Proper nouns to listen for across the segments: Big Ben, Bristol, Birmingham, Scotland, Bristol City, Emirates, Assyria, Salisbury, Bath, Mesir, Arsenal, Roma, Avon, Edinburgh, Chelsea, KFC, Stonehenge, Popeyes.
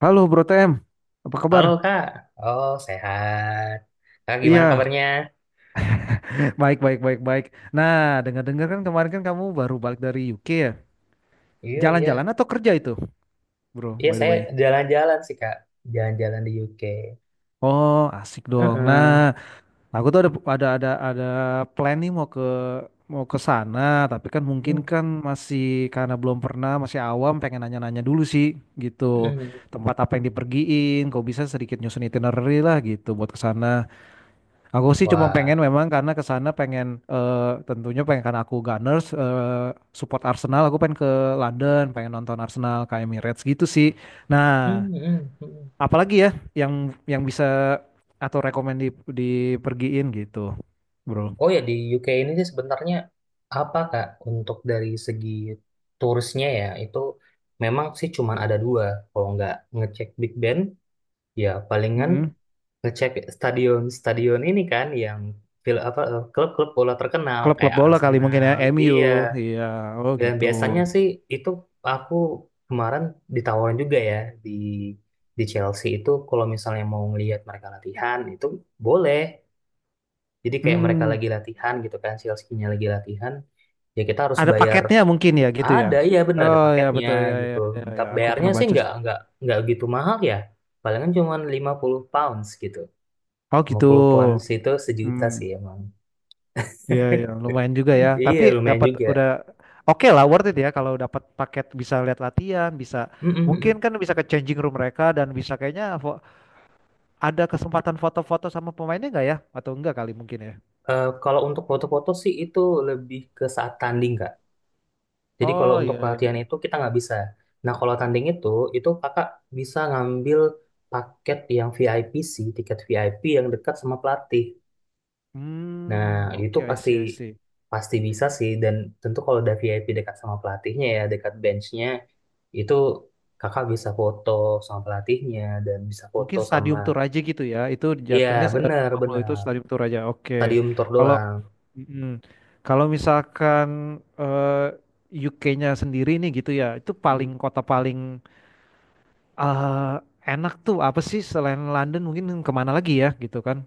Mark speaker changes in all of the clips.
Speaker 1: Halo Bro TM, apa kabar?
Speaker 2: Halo Kak, oh sehat. Kak gimana
Speaker 1: Iya,
Speaker 2: kabarnya?
Speaker 1: baik baik baik baik. Nah, dengar-dengar kan kemarin kan kamu baru balik dari UK ya?
Speaker 2: Iya,
Speaker 1: Jalan-jalan
Speaker 2: iya.
Speaker 1: atau kerja itu, Bro,
Speaker 2: Iya,
Speaker 1: by the
Speaker 2: saya
Speaker 1: way?
Speaker 2: jalan-jalan sih Kak. Jalan-jalan di UK.
Speaker 1: Oh, asik dong. Nah,
Speaker 2: Heeh.
Speaker 1: aku tuh ada plan nih mau ke sana, tapi kan mungkin
Speaker 2: Hmm,
Speaker 1: kan masih karena belum pernah, masih awam, pengen nanya-nanya dulu sih gitu.
Speaker 2: hmm.
Speaker 1: Tempat apa yang dipergiin, kok bisa sedikit nyusun itinerary lah gitu buat ke sana. Aku sih cuma pengen
Speaker 2: Wah.
Speaker 1: memang karena ke sana pengen eh, tentunya pengen karena aku Gunners support Arsenal aku pengen ke London pengen nonton Arsenal ke Emirates gitu sih. Nah,
Speaker 2: Hmm, hmm, hmm.
Speaker 1: apalagi ya yang yang bisa atau rekomend di, dipergiin gitu, bro.
Speaker 2: Oh ya, di UK ini sih sebenarnya apa Kak? Untuk dari segi turisnya ya, itu memang sih cuman ada dua. Kalau nggak ngecek Big Ben, ya palingan
Speaker 1: Mm-mm.
Speaker 2: ngecek stadion-stadion ini kan yang apa klub-klub bola terkenal
Speaker 1: Klub-klub
Speaker 2: kayak
Speaker 1: bola kali mungkin ya
Speaker 2: Arsenal.
Speaker 1: MU,
Speaker 2: Iya.
Speaker 1: iya, oh
Speaker 2: Dan
Speaker 1: gitu.
Speaker 2: biasanya sih itu aku kemarin ditawarin juga ya di di Chelsea itu kalau misalnya mau ngelihat mereka latihan itu boleh. Jadi kayak mereka
Speaker 1: Hmm,
Speaker 2: lagi latihan gitu kan Chelsea-nya lagi latihan, ya kita harus
Speaker 1: ada
Speaker 2: bayar,
Speaker 1: paketnya mungkin ya gitu ya.
Speaker 2: ada, ya bener ada
Speaker 1: Oh ya
Speaker 2: paketnya
Speaker 1: betul ya
Speaker 2: gitu.
Speaker 1: ya ya, ya.
Speaker 2: Tapi
Speaker 1: Aku
Speaker 2: bayarnya
Speaker 1: pernah
Speaker 2: sih
Speaker 1: baca
Speaker 2: nggak
Speaker 1: sih.
Speaker 2: nggak nggak gitu mahal ya. Palingan cuma 50 pounds gitu.
Speaker 1: Oh
Speaker 2: lima
Speaker 1: gitu.
Speaker 2: puluh pounds itu sejuta
Speaker 1: Hmm.
Speaker 2: sih emang.
Speaker 1: Iya, ya, lumayan juga ya.
Speaker 2: Iya
Speaker 1: Tapi
Speaker 2: lumayan
Speaker 1: dapat
Speaker 2: juga.
Speaker 1: udah oke lah, worth it ya kalau dapat paket bisa lihat latihan, bisa mungkin
Speaker 2: Mm-mm-mm.
Speaker 1: kan bisa ke changing room mereka dan bisa kayaknya ada kesempatan foto-foto sama pemainnya nggak ya? Atau enggak kali mungkin ya?
Speaker 2: Kalau untuk foto-foto sih itu lebih ke saat tanding kak. Jadi kalau
Speaker 1: Oh
Speaker 2: untuk
Speaker 1: iya iya.
Speaker 2: pelatihan itu kita nggak bisa. Nah kalau tanding itu kakak bisa ngambil paket yang VIP sih, tiket VIP yang dekat sama pelatih. Nah
Speaker 1: Hmm,
Speaker 2: itu
Speaker 1: oke I
Speaker 2: pasti
Speaker 1: see I see.
Speaker 2: pasti bisa sih. Dan tentu kalau udah VIP dekat sama pelatihnya ya, dekat benchnya, itu kakak bisa foto sama pelatihnya dan bisa foto
Speaker 1: Mungkin
Speaker 2: sama,
Speaker 1: stadium tour aja gitu ya. Itu
Speaker 2: iya
Speaker 1: jatuhnya
Speaker 2: bener
Speaker 1: 50 itu
Speaker 2: bener
Speaker 1: stadium tour aja. Oke.
Speaker 2: stadium tour
Speaker 1: Kalau
Speaker 2: doang.
Speaker 1: mm, kalau misalkan UK-nya sendiri nih gitu ya. Itu paling kota paling eh enak tuh apa sih selain London mungkin kemana lagi ya gitu kan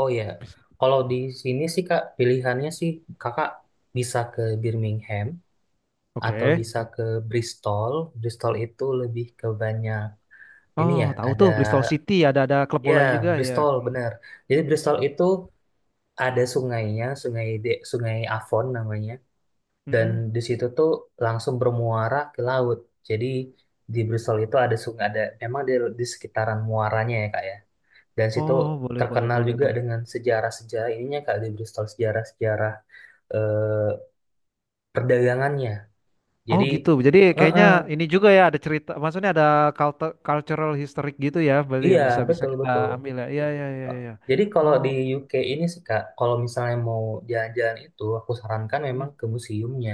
Speaker 2: Oh ya,
Speaker 1: Bis-
Speaker 2: kalau di sini sih Kak, pilihannya sih Kakak bisa ke Birmingham atau
Speaker 1: oke.
Speaker 2: bisa ke Bristol. Bristol itu lebih ke banyak ini
Speaker 1: Oh
Speaker 2: ya,
Speaker 1: tahu
Speaker 2: ada
Speaker 1: tuh Bristol City, ada klub
Speaker 2: ya
Speaker 1: bola juga ya.
Speaker 2: Bristol benar. Jadi Bristol itu ada sungainya, Sungai Avon namanya, dan
Speaker 1: Mm-mm.
Speaker 2: di situ tuh langsung bermuara ke laut. Jadi di Bristol itu ada sungai, ada memang di sekitaran muaranya ya Kak ya. Dan situ
Speaker 1: Oh boleh boleh
Speaker 2: terkenal
Speaker 1: boleh
Speaker 2: juga
Speaker 1: boleh.
Speaker 2: dengan sejarah-sejarah ininya Kak, di Bristol sejarah-sejarah eh, perdagangannya.
Speaker 1: Oh
Speaker 2: Jadi,
Speaker 1: gitu, jadi
Speaker 2: eh,
Speaker 1: kayaknya
Speaker 2: eh,
Speaker 1: ini juga ya ada cerita maksudnya ada cultural historic gitu ya berarti
Speaker 2: iya
Speaker 1: yang bisa bisa
Speaker 2: betul
Speaker 1: kita
Speaker 2: betul.
Speaker 1: ambil ya, iya iya iya iya.
Speaker 2: Jadi kalau
Speaker 1: Oh,
Speaker 2: di UK ini sih Kak, kalau misalnya mau jalan-jalan itu, aku sarankan memang
Speaker 1: mm-mm.
Speaker 2: ke museumnya.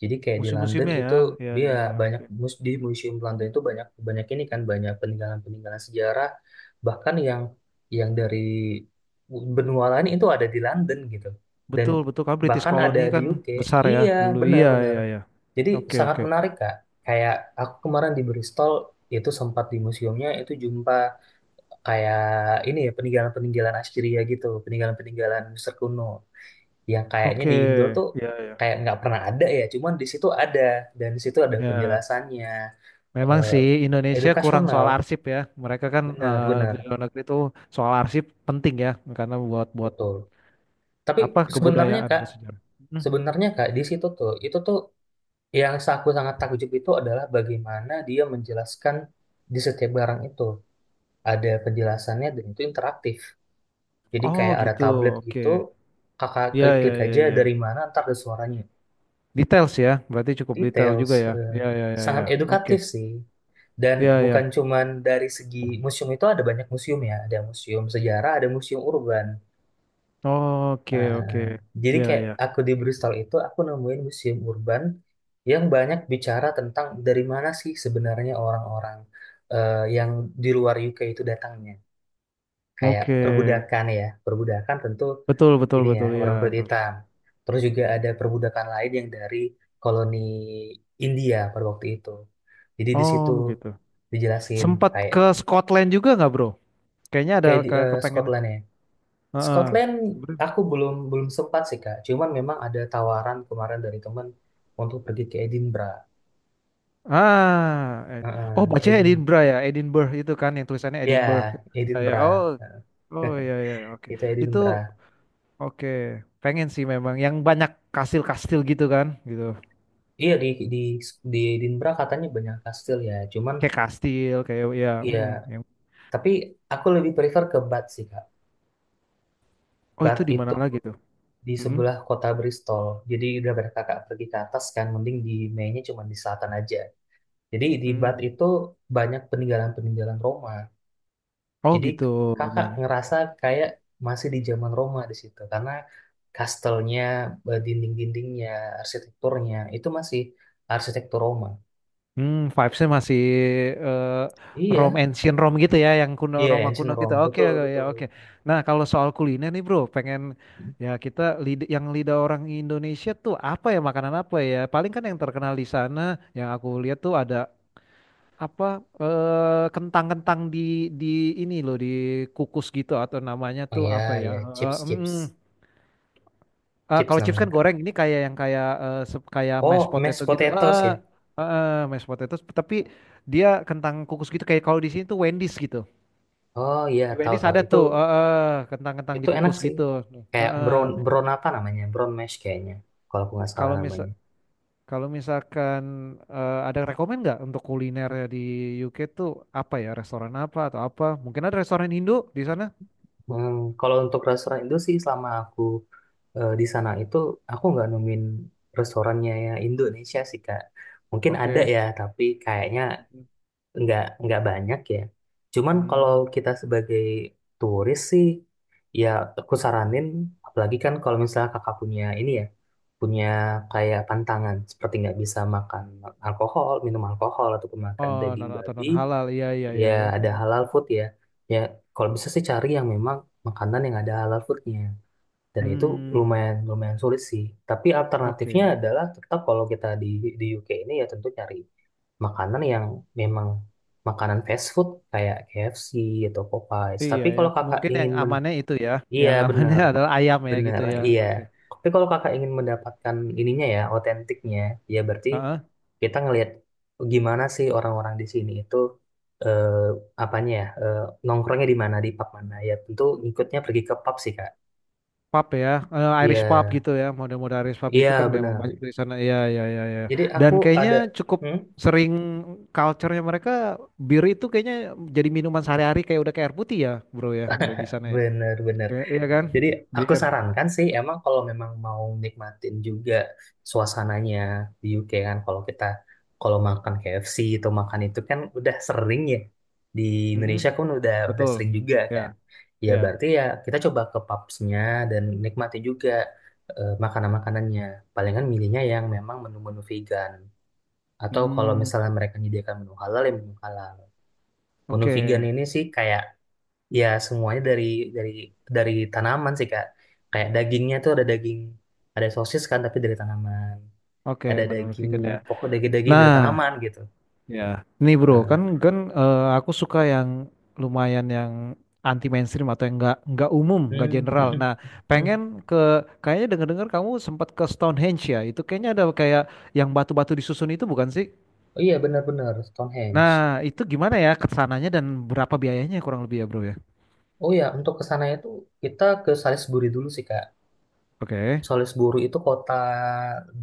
Speaker 2: Jadi kayak di London
Speaker 1: Museum-museumnya ya,
Speaker 2: itu
Speaker 1: iya
Speaker 2: dia
Speaker 1: iya iya,
Speaker 2: banyak
Speaker 1: oke.
Speaker 2: di museum London itu banyak banyak ini kan banyak peninggalan-peninggalan sejarah, bahkan yang dari benua lain itu ada di London gitu. Dan
Speaker 1: Betul betul kan British
Speaker 2: bahkan ada
Speaker 1: koloni
Speaker 2: di
Speaker 1: kan
Speaker 2: UK.
Speaker 1: besar ya
Speaker 2: Iya,
Speaker 1: dulu, iya
Speaker 2: benar-benar.
Speaker 1: iya iya,
Speaker 2: Jadi
Speaker 1: oke
Speaker 2: sangat
Speaker 1: oke
Speaker 2: menarik Kak. Kayak aku kemarin di Bristol itu sempat di museumnya itu jumpa kayak ini ya peninggalan-peninggalan Assyria gitu, peninggalan-peninggalan Mesir kuno yang kayaknya
Speaker 1: oke,
Speaker 2: di Indo tuh
Speaker 1: iya iya
Speaker 2: kayak nggak pernah ada ya, cuman di situ ada dan di situ ada
Speaker 1: ya.
Speaker 2: penjelasannya,
Speaker 1: Memang
Speaker 2: eh,
Speaker 1: sih Indonesia kurang
Speaker 2: edukasional,
Speaker 1: soal arsip ya. Mereka kan di
Speaker 2: benar-benar
Speaker 1: luar negeri itu soal arsip penting ya karena buat buat
Speaker 2: betul. Tapi
Speaker 1: apa
Speaker 2: sebenarnya
Speaker 1: kebudayaan
Speaker 2: Kak,
Speaker 1: bersejarah. Hmm.
Speaker 2: sebenarnya Kak, di situ tuh itu tuh yang aku sangat takjub itu adalah bagaimana dia menjelaskan di setiap barang itu. Ada penjelasannya dan itu interaktif. Jadi
Speaker 1: Oh
Speaker 2: kayak ada
Speaker 1: gitu.
Speaker 2: tablet
Speaker 1: Oke.
Speaker 2: gitu, kakak
Speaker 1: Ya
Speaker 2: klik-klik
Speaker 1: ya ya
Speaker 2: aja
Speaker 1: ya.
Speaker 2: dari mana ntar ada suaranya.
Speaker 1: Details ya. Berarti cukup detail
Speaker 2: Details,
Speaker 1: juga ya. Ya ya ya
Speaker 2: sangat
Speaker 1: ya. Oke.
Speaker 2: edukatif sih. Dan
Speaker 1: Ya
Speaker 2: bukan
Speaker 1: ya.
Speaker 2: cuman dari segi museum, itu ada banyak museum ya, ada museum sejarah, ada museum urban.
Speaker 1: Oke oke.
Speaker 2: Nah, jadi
Speaker 1: Ya
Speaker 2: kayak
Speaker 1: ya.
Speaker 2: aku di Bristol itu aku nemuin museum urban yang banyak bicara tentang dari mana sih sebenarnya orang-orang, yang di luar UK itu datangnya. Kayak
Speaker 1: Oke.
Speaker 2: perbudakan ya, perbudakan tentu
Speaker 1: Betul betul
Speaker 2: ini ya
Speaker 1: betul ya.
Speaker 2: orang kulit hitam. Terus juga ada perbudakan lain yang dari koloni India pada waktu itu. Jadi di
Speaker 1: Oh
Speaker 2: situ
Speaker 1: gitu.
Speaker 2: dijelasin
Speaker 1: Sempat
Speaker 2: kayak
Speaker 1: ke Scotland juga nggak, bro? Kayaknya ada
Speaker 2: kayak di
Speaker 1: ke kepengen.
Speaker 2: Scotland ya.
Speaker 1: Heeh.
Speaker 2: Scotland aku belum belum sempat sih Kak. Cuman memang ada tawaran kemarin dari temen untuk pergi ke Edinburgh.
Speaker 1: Ah, eh. Oh
Speaker 2: Heeh,
Speaker 1: bacanya
Speaker 2: Edin
Speaker 1: Edinburgh ya, Edinburgh itu kan yang tulisannya
Speaker 2: ya
Speaker 1: Edinburgh. Ya, ya. Oh,
Speaker 2: Edinburgh
Speaker 1: oh ya ya, ya, oke.
Speaker 2: itu
Speaker 1: Itu
Speaker 2: Edinburgh.
Speaker 1: oke. Pengen sih memang yang banyak kastil-kastil gitu kan, gitu.
Speaker 2: Iya di di Edinburgh katanya banyak kastil ya. Cuman
Speaker 1: Kayak kastil, kayak ya,
Speaker 2: ya
Speaker 1: yang.
Speaker 2: tapi aku lebih prefer ke Bath sih Kak.
Speaker 1: Oh itu
Speaker 2: Bath
Speaker 1: di
Speaker 2: itu
Speaker 1: mana lagi tuh?
Speaker 2: di
Speaker 1: Mm,
Speaker 2: sebelah kota Bristol. Jadi daripada kakak pergi ke atas kan, mending di mainnya cuma di selatan aja. Jadi di Bath
Speaker 1: mm.
Speaker 2: itu banyak peninggalan-peninggalan Roma.
Speaker 1: Oh
Speaker 2: Jadi
Speaker 1: gitu,
Speaker 2: kakak
Speaker 1: banyak.
Speaker 2: ngerasa kayak masih di zaman Roma di situ karena kastelnya, dinding-dindingnya, arsitekturnya itu masih arsitektur Roma.
Speaker 1: Vibesnya masih eh, Rome
Speaker 2: Iya,
Speaker 1: ancient Rome gitu ya, yang kuno
Speaker 2: iya
Speaker 1: Roma
Speaker 2: ancient
Speaker 1: kuno gitu.
Speaker 2: Rome,
Speaker 1: Oke,
Speaker 2: betul
Speaker 1: oke, ya
Speaker 2: betul.
Speaker 1: oke. Nah, kalau soal kuliner nih bro, pengen ya kita yang lidah orang Indonesia tuh apa ya makanan apa ya? Paling kan yang terkenal di sana, yang aku lihat tuh ada apa kentang-kentang di ini loh di kukus gitu atau namanya
Speaker 2: Oh
Speaker 1: tuh
Speaker 2: iya
Speaker 1: apa ya?
Speaker 2: iya chips chips
Speaker 1: Hmm.
Speaker 2: chips
Speaker 1: Kalau chips
Speaker 2: namanya
Speaker 1: kan
Speaker 2: kak.
Speaker 1: goreng, ini kayak yang kayak kayak mashed
Speaker 2: Oh
Speaker 1: potato
Speaker 2: mashed
Speaker 1: gitu.
Speaker 2: potatoes
Speaker 1: Heeh,
Speaker 2: ya.
Speaker 1: heeh, mashed potato. Tapi dia kentang kukus gitu. Kayak kalau di sini tuh Wendy's gitu.
Speaker 2: Oh iya
Speaker 1: Di
Speaker 2: tahu
Speaker 1: Wendy's
Speaker 2: tahu
Speaker 1: ada
Speaker 2: itu
Speaker 1: tuh heeh, kentang-kentang
Speaker 2: Itu enak
Speaker 1: dikukus
Speaker 2: sih.
Speaker 1: gitu.
Speaker 2: Kayak brown
Speaker 1: Heeh.
Speaker 2: brown apa namanya? Brown mash kayaknya. Kalau aku nggak salah
Speaker 1: Kalau misal
Speaker 2: namanya.
Speaker 1: kalau misalkan ada rekomend nggak untuk kuliner di UK tuh apa ya restoran apa atau apa? Mungkin ada restoran Hindu di sana?
Speaker 2: Hmm, kalau untuk restoran Indo sih, selama aku di sana itu aku nggak nemuin restorannya ya Indonesia sih Kak. Mungkin ada
Speaker 1: Oke.
Speaker 2: ya, tapi kayaknya
Speaker 1: Mhm.
Speaker 2: nggak banyak ya. Cuman kalau
Speaker 1: Hmm.
Speaker 2: kita sebagai turis sih, ya aku saranin, apalagi kan kalau misalnya kakak punya ini ya, punya kayak pantangan, seperti nggak bisa makan alkohol, minum alkohol, atau makan
Speaker 1: Oh,
Speaker 2: daging
Speaker 1: non atau
Speaker 2: babi,
Speaker 1: non halal. Iya iya
Speaker 2: ya
Speaker 1: iya ya.
Speaker 2: ada
Speaker 1: Hmm.
Speaker 2: halal food ya. Ya kalau bisa sih cari yang memang makanan yang ada halal foodnya. Dan itu
Speaker 1: Hmm,
Speaker 2: lumayan lumayan sulit sih. Tapi alternatifnya
Speaker 1: oke.
Speaker 2: adalah tetap kalau kita di UK ini ya tentu cari makanan yang memang makanan fast food kayak KFC atau Popeyes.
Speaker 1: Iya
Speaker 2: Tapi
Speaker 1: ya,
Speaker 2: kalau kakak
Speaker 1: mungkin
Speaker 2: ingin
Speaker 1: yang
Speaker 2: men
Speaker 1: amannya itu ya,
Speaker 2: Iya,
Speaker 1: yang amannya
Speaker 2: benar,
Speaker 1: adalah ayam ya gitu
Speaker 2: benar,
Speaker 1: ya.
Speaker 2: iya.
Speaker 1: Oke.
Speaker 2: Tapi kalau kakak ingin mendapatkan ininya ya, otentiknya, ya berarti
Speaker 1: Heeh.
Speaker 2: kita ngelihat gimana sih orang-orang di sini itu, eh, apanya ya, nongkrongnya di mana, di pub mana. Ya tentu ngikutnya pergi ke pub sih, Kak.
Speaker 1: Pub ya. Irish pub
Speaker 2: Iya,
Speaker 1: gitu ya, model-model Irish pub gitu kan
Speaker 2: iya
Speaker 1: memang
Speaker 2: benar.
Speaker 1: banyak di sana. Iya iya iya iya.
Speaker 2: Jadi aku
Speaker 1: Dan kayaknya
Speaker 2: ada.
Speaker 1: cukup
Speaker 2: Hmm?
Speaker 1: sering culture-nya mereka bir itu kayaknya jadi minuman sehari-hari kayak udah kayak air putih ya, bro ya, udah di sana ya.
Speaker 2: Bener-bener.
Speaker 1: Iya iya kan?
Speaker 2: Jadi aku
Speaker 1: Bir.
Speaker 2: sarankan sih emang kalau memang mau nikmatin juga suasananya di UK, kan kalau kita kalau makan KFC atau makan itu kan udah sering ya, di
Speaker 1: Mm-mm.
Speaker 2: Indonesia kan udah
Speaker 1: Betul.
Speaker 2: sering juga
Speaker 1: Ya,
Speaker 2: kan, ya
Speaker 1: ya.
Speaker 2: berarti ya kita coba ke pubsnya dan nikmati juga makanan-makanannya, palingan milihnya yang memang menu-menu vegan atau kalau
Speaker 1: Hmm,
Speaker 2: misalnya mereka menyediakan menu halal ya menu halal, menu vegan
Speaker 1: oke.
Speaker 2: ini sih kayak, ya, semuanya dari dari tanaman sih, Kak. Kayak dagingnya tuh ada daging, ada sosis kan tapi dari tanaman.
Speaker 1: Oke,
Speaker 2: Ada
Speaker 1: menurut
Speaker 2: daging,
Speaker 1: vegan ya.
Speaker 2: pokok daging-daging dari
Speaker 1: Nah,
Speaker 2: tanaman gitu.
Speaker 1: ya, nih bro,
Speaker 2: Nah,
Speaker 1: kan kan aku suka yang lumayan yang anti mainstream atau yang nggak umum, nggak
Speaker 2: hmm,
Speaker 1: general.
Speaker 2: hmm, hmm,
Speaker 1: Nah,
Speaker 2: hmm.
Speaker 1: pengen ke kayaknya dengar-dengar kamu sempat ke Stonehenge ya. Itu kayaknya ada kayak yang batu-batu disusun itu bukan sih?
Speaker 2: Oh iya benar-benar Stonehenge.
Speaker 1: Nah, itu gimana ya kesananya dan berapa biayanya kurang lebih ya bro ya?
Speaker 2: Oh iya, untuk ke sana itu kita ke Salisbury dulu sih, Kak.
Speaker 1: Oke.
Speaker 2: Salisbury itu kota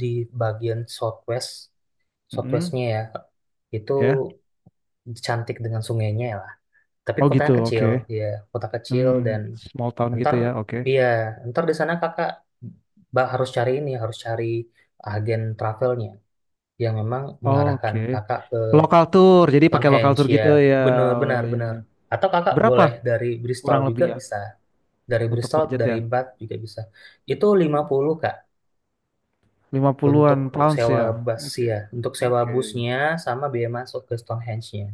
Speaker 2: di bagian southwest,
Speaker 1: Mm-mm.
Speaker 2: southwestnya ya. Itu
Speaker 1: Ya.
Speaker 2: cantik dengan sungainya ya lah. Tapi
Speaker 1: Oh gitu,
Speaker 2: kotanya
Speaker 1: oke.
Speaker 2: kecil, ya, kota kecil.
Speaker 1: Hmm, small town gitu
Speaker 2: Ntar
Speaker 1: ya, oke.
Speaker 2: dia, ntar di sana kakak harus cari ini, harus cari agen travelnya yang memang mengarahkan
Speaker 1: Oke,
Speaker 2: kakak ke
Speaker 1: lokal tour, jadi pakai lokal
Speaker 2: Stonehenge
Speaker 1: tour
Speaker 2: ya.
Speaker 1: gitu ya.
Speaker 2: Benar,
Speaker 1: Oh
Speaker 2: benar,
Speaker 1: ya,
Speaker 2: benar.
Speaker 1: ya.
Speaker 2: Atau kakak
Speaker 1: Berapa
Speaker 2: boleh dari Bristol
Speaker 1: kurang
Speaker 2: juga
Speaker 1: lebih ya?
Speaker 2: bisa. Dari
Speaker 1: Untuk
Speaker 2: Bristol,
Speaker 1: budget
Speaker 2: dari
Speaker 1: ya.
Speaker 2: Bath juga bisa. Itu 50 kak, untuk
Speaker 1: 50-an pounds
Speaker 2: sewa
Speaker 1: ya.
Speaker 2: bus
Speaker 1: Oke.
Speaker 2: ya, untuk sewa
Speaker 1: Oke.
Speaker 2: busnya sama biaya masuk ke Stonehenge-nya.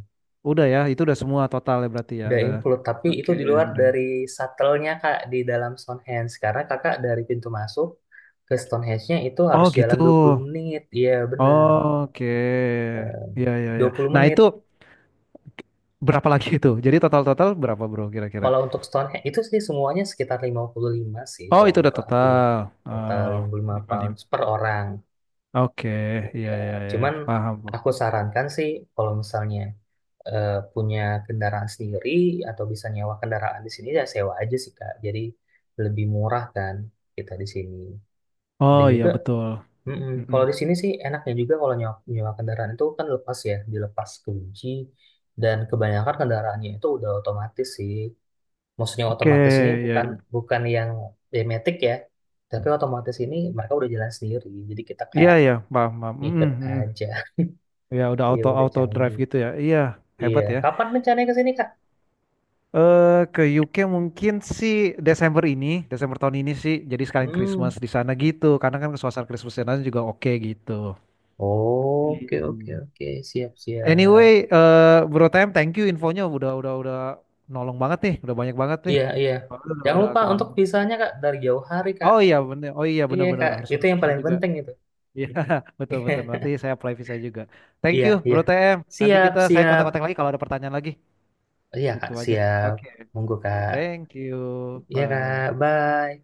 Speaker 1: Udah ya, itu udah semua total ya berarti ya.
Speaker 2: Udah
Speaker 1: Udah.
Speaker 2: include, tapi itu
Speaker 1: Oke,
Speaker 2: di luar
Speaker 1: udah.
Speaker 2: dari shuttle-nya Kak, di dalam Stonehenge. Karena Kakak dari pintu masuk ke Stonehenge-nya itu
Speaker 1: Oh,
Speaker 2: harus
Speaker 1: gitu.
Speaker 2: jalan 20 menit. Iya, bener.
Speaker 1: Oke. Iya, iya,
Speaker 2: dua
Speaker 1: iya.
Speaker 2: puluh
Speaker 1: Nah,
Speaker 2: menit.
Speaker 1: itu berapa lagi itu? Jadi total-total berapa, Bro, kira-kira?
Speaker 2: Kalau untuk Stonehenge, itu sih semuanya sekitar 55 sih,
Speaker 1: Oh,
Speaker 2: kalau
Speaker 1: itu udah
Speaker 2: menurut aku ya.
Speaker 1: total.
Speaker 2: Total
Speaker 1: Oh,
Speaker 2: lima puluh lima
Speaker 1: lima. puluh
Speaker 2: pounds
Speaker 1: lima.
Speaker 2: per orang.
Speaker 1: Oke, iya,
Speaker 2: Iya,
Speaker 1: iya, iya.
Speaker 2: cuman
Speaker 1: Paham, Bro.
Speaker 2: aku sarankan sih kalau misalnya punya kendaraan sendiri atau bisa nyewa kendaraan di sini ya sewa aja sih Kak. Jadi lebih murah kan kita di sini. Dan
Speaker 1: Oh, iya,
Speaker 2: juga,
Speaker 1: betul.
Speaker 2: mm-mm,
Speaker 1: Mm-mm.
Speaker 2: kalau di sini sih enaknya juga kalau nyewa kendaraan itu kan lepas ya, dilepas kunci. Dan kebanyakan kendaraannya itu udah otomatis sih. Maksudnya
Speaker 1: Oke,
Speaker 2: otomatis ini
Speaker 1: iya,
Speaker 2: bukan
Speaker 1: iya.
Speaker 2: bukan yang demetik ya, tapi otomatis ini mereka udah jalan sendiri. Jadi kita
Speaker 1: Iya,
Speaker 2: kayak
Speaker 1: iya, paham, paham. Mm-mm,
Speaker 2: ngikut
Speaker 1: mm-mm.
Speaker 2: aja.
Speaker 1: Ya udah
Speaker 2: Ya
Speaker 1: auto
Speaker 2: udah
Speaker 1: auto drive
Speaker 2: canggih.
Speaker 1: gitu ya. Iya,
Speaker 2: Iya,
Speaker 1: hebat ya.
Speaker 2: kapan rencananya ke sini, Kak?
Speaker 1: Eh ke UK mungkin sih Desember ini, Desember tahun ini sih. Jadi sekalian Christmas
Speaker 2: Hmm.
Speaker 1: di sana gitu. Karena kan suasana Christmas di sana juga oke gitu.
Speaker 2: Oke, oke,
Speaker 1: Iya.
Speaker 2: oke. Siap,
Speaker 1: Anyway,
Speaker 2: siap.
Speaker 1: Bro Time, thank you infonya udah nolong banget nih, udah banyak banget nih.
Speaker 2: Iya, iya.
Speaker 1: Soalnya Udah
Speaker 2: Jangan
Speaker 1: udah
Speaker 2: lupa untuk
Speaker 1: kemalaman.
Speaker 2: visanya, Kak, dari jauh hari, Kak.
Speaker 1: Oh iya bener, oh iya
Speaker 2: Iya,
Speaker 1: bener-bener
Speaker 2: Kak.
Speaker 1: harus
Speaker 2: Itu
Speaker 1: harus
Speaker 2: yang
Speaker 1: bisa
Speaker 2: paling
Speaker 1: juga.
Speaker 2: penting itu.
Speaker 1: Iya betul betul. Nanti saya apply visa juga. Thank
Speaker 2: Iya,
Speaker 1: you
Speaker 2: iya.
Speaker 1: Bro TM. Nanti
Speaker 2: Siap,
Speaker 1: saya
Speaker 2: siap.
Speaker 1: kontak-kontak lagi kalau ada pertanyaan lagi.
Speaker 2: Iya, Kak,
Speaker 1: Itu aja.
Speaker 2: siap.
Speaker 1: Oke.
Speaker 2: Monggo, Kak.
Speaker 1: Thank you.
Speaker 2: Iya, Kak.
Speaker 1: Bye.
Speaker 2: Bye.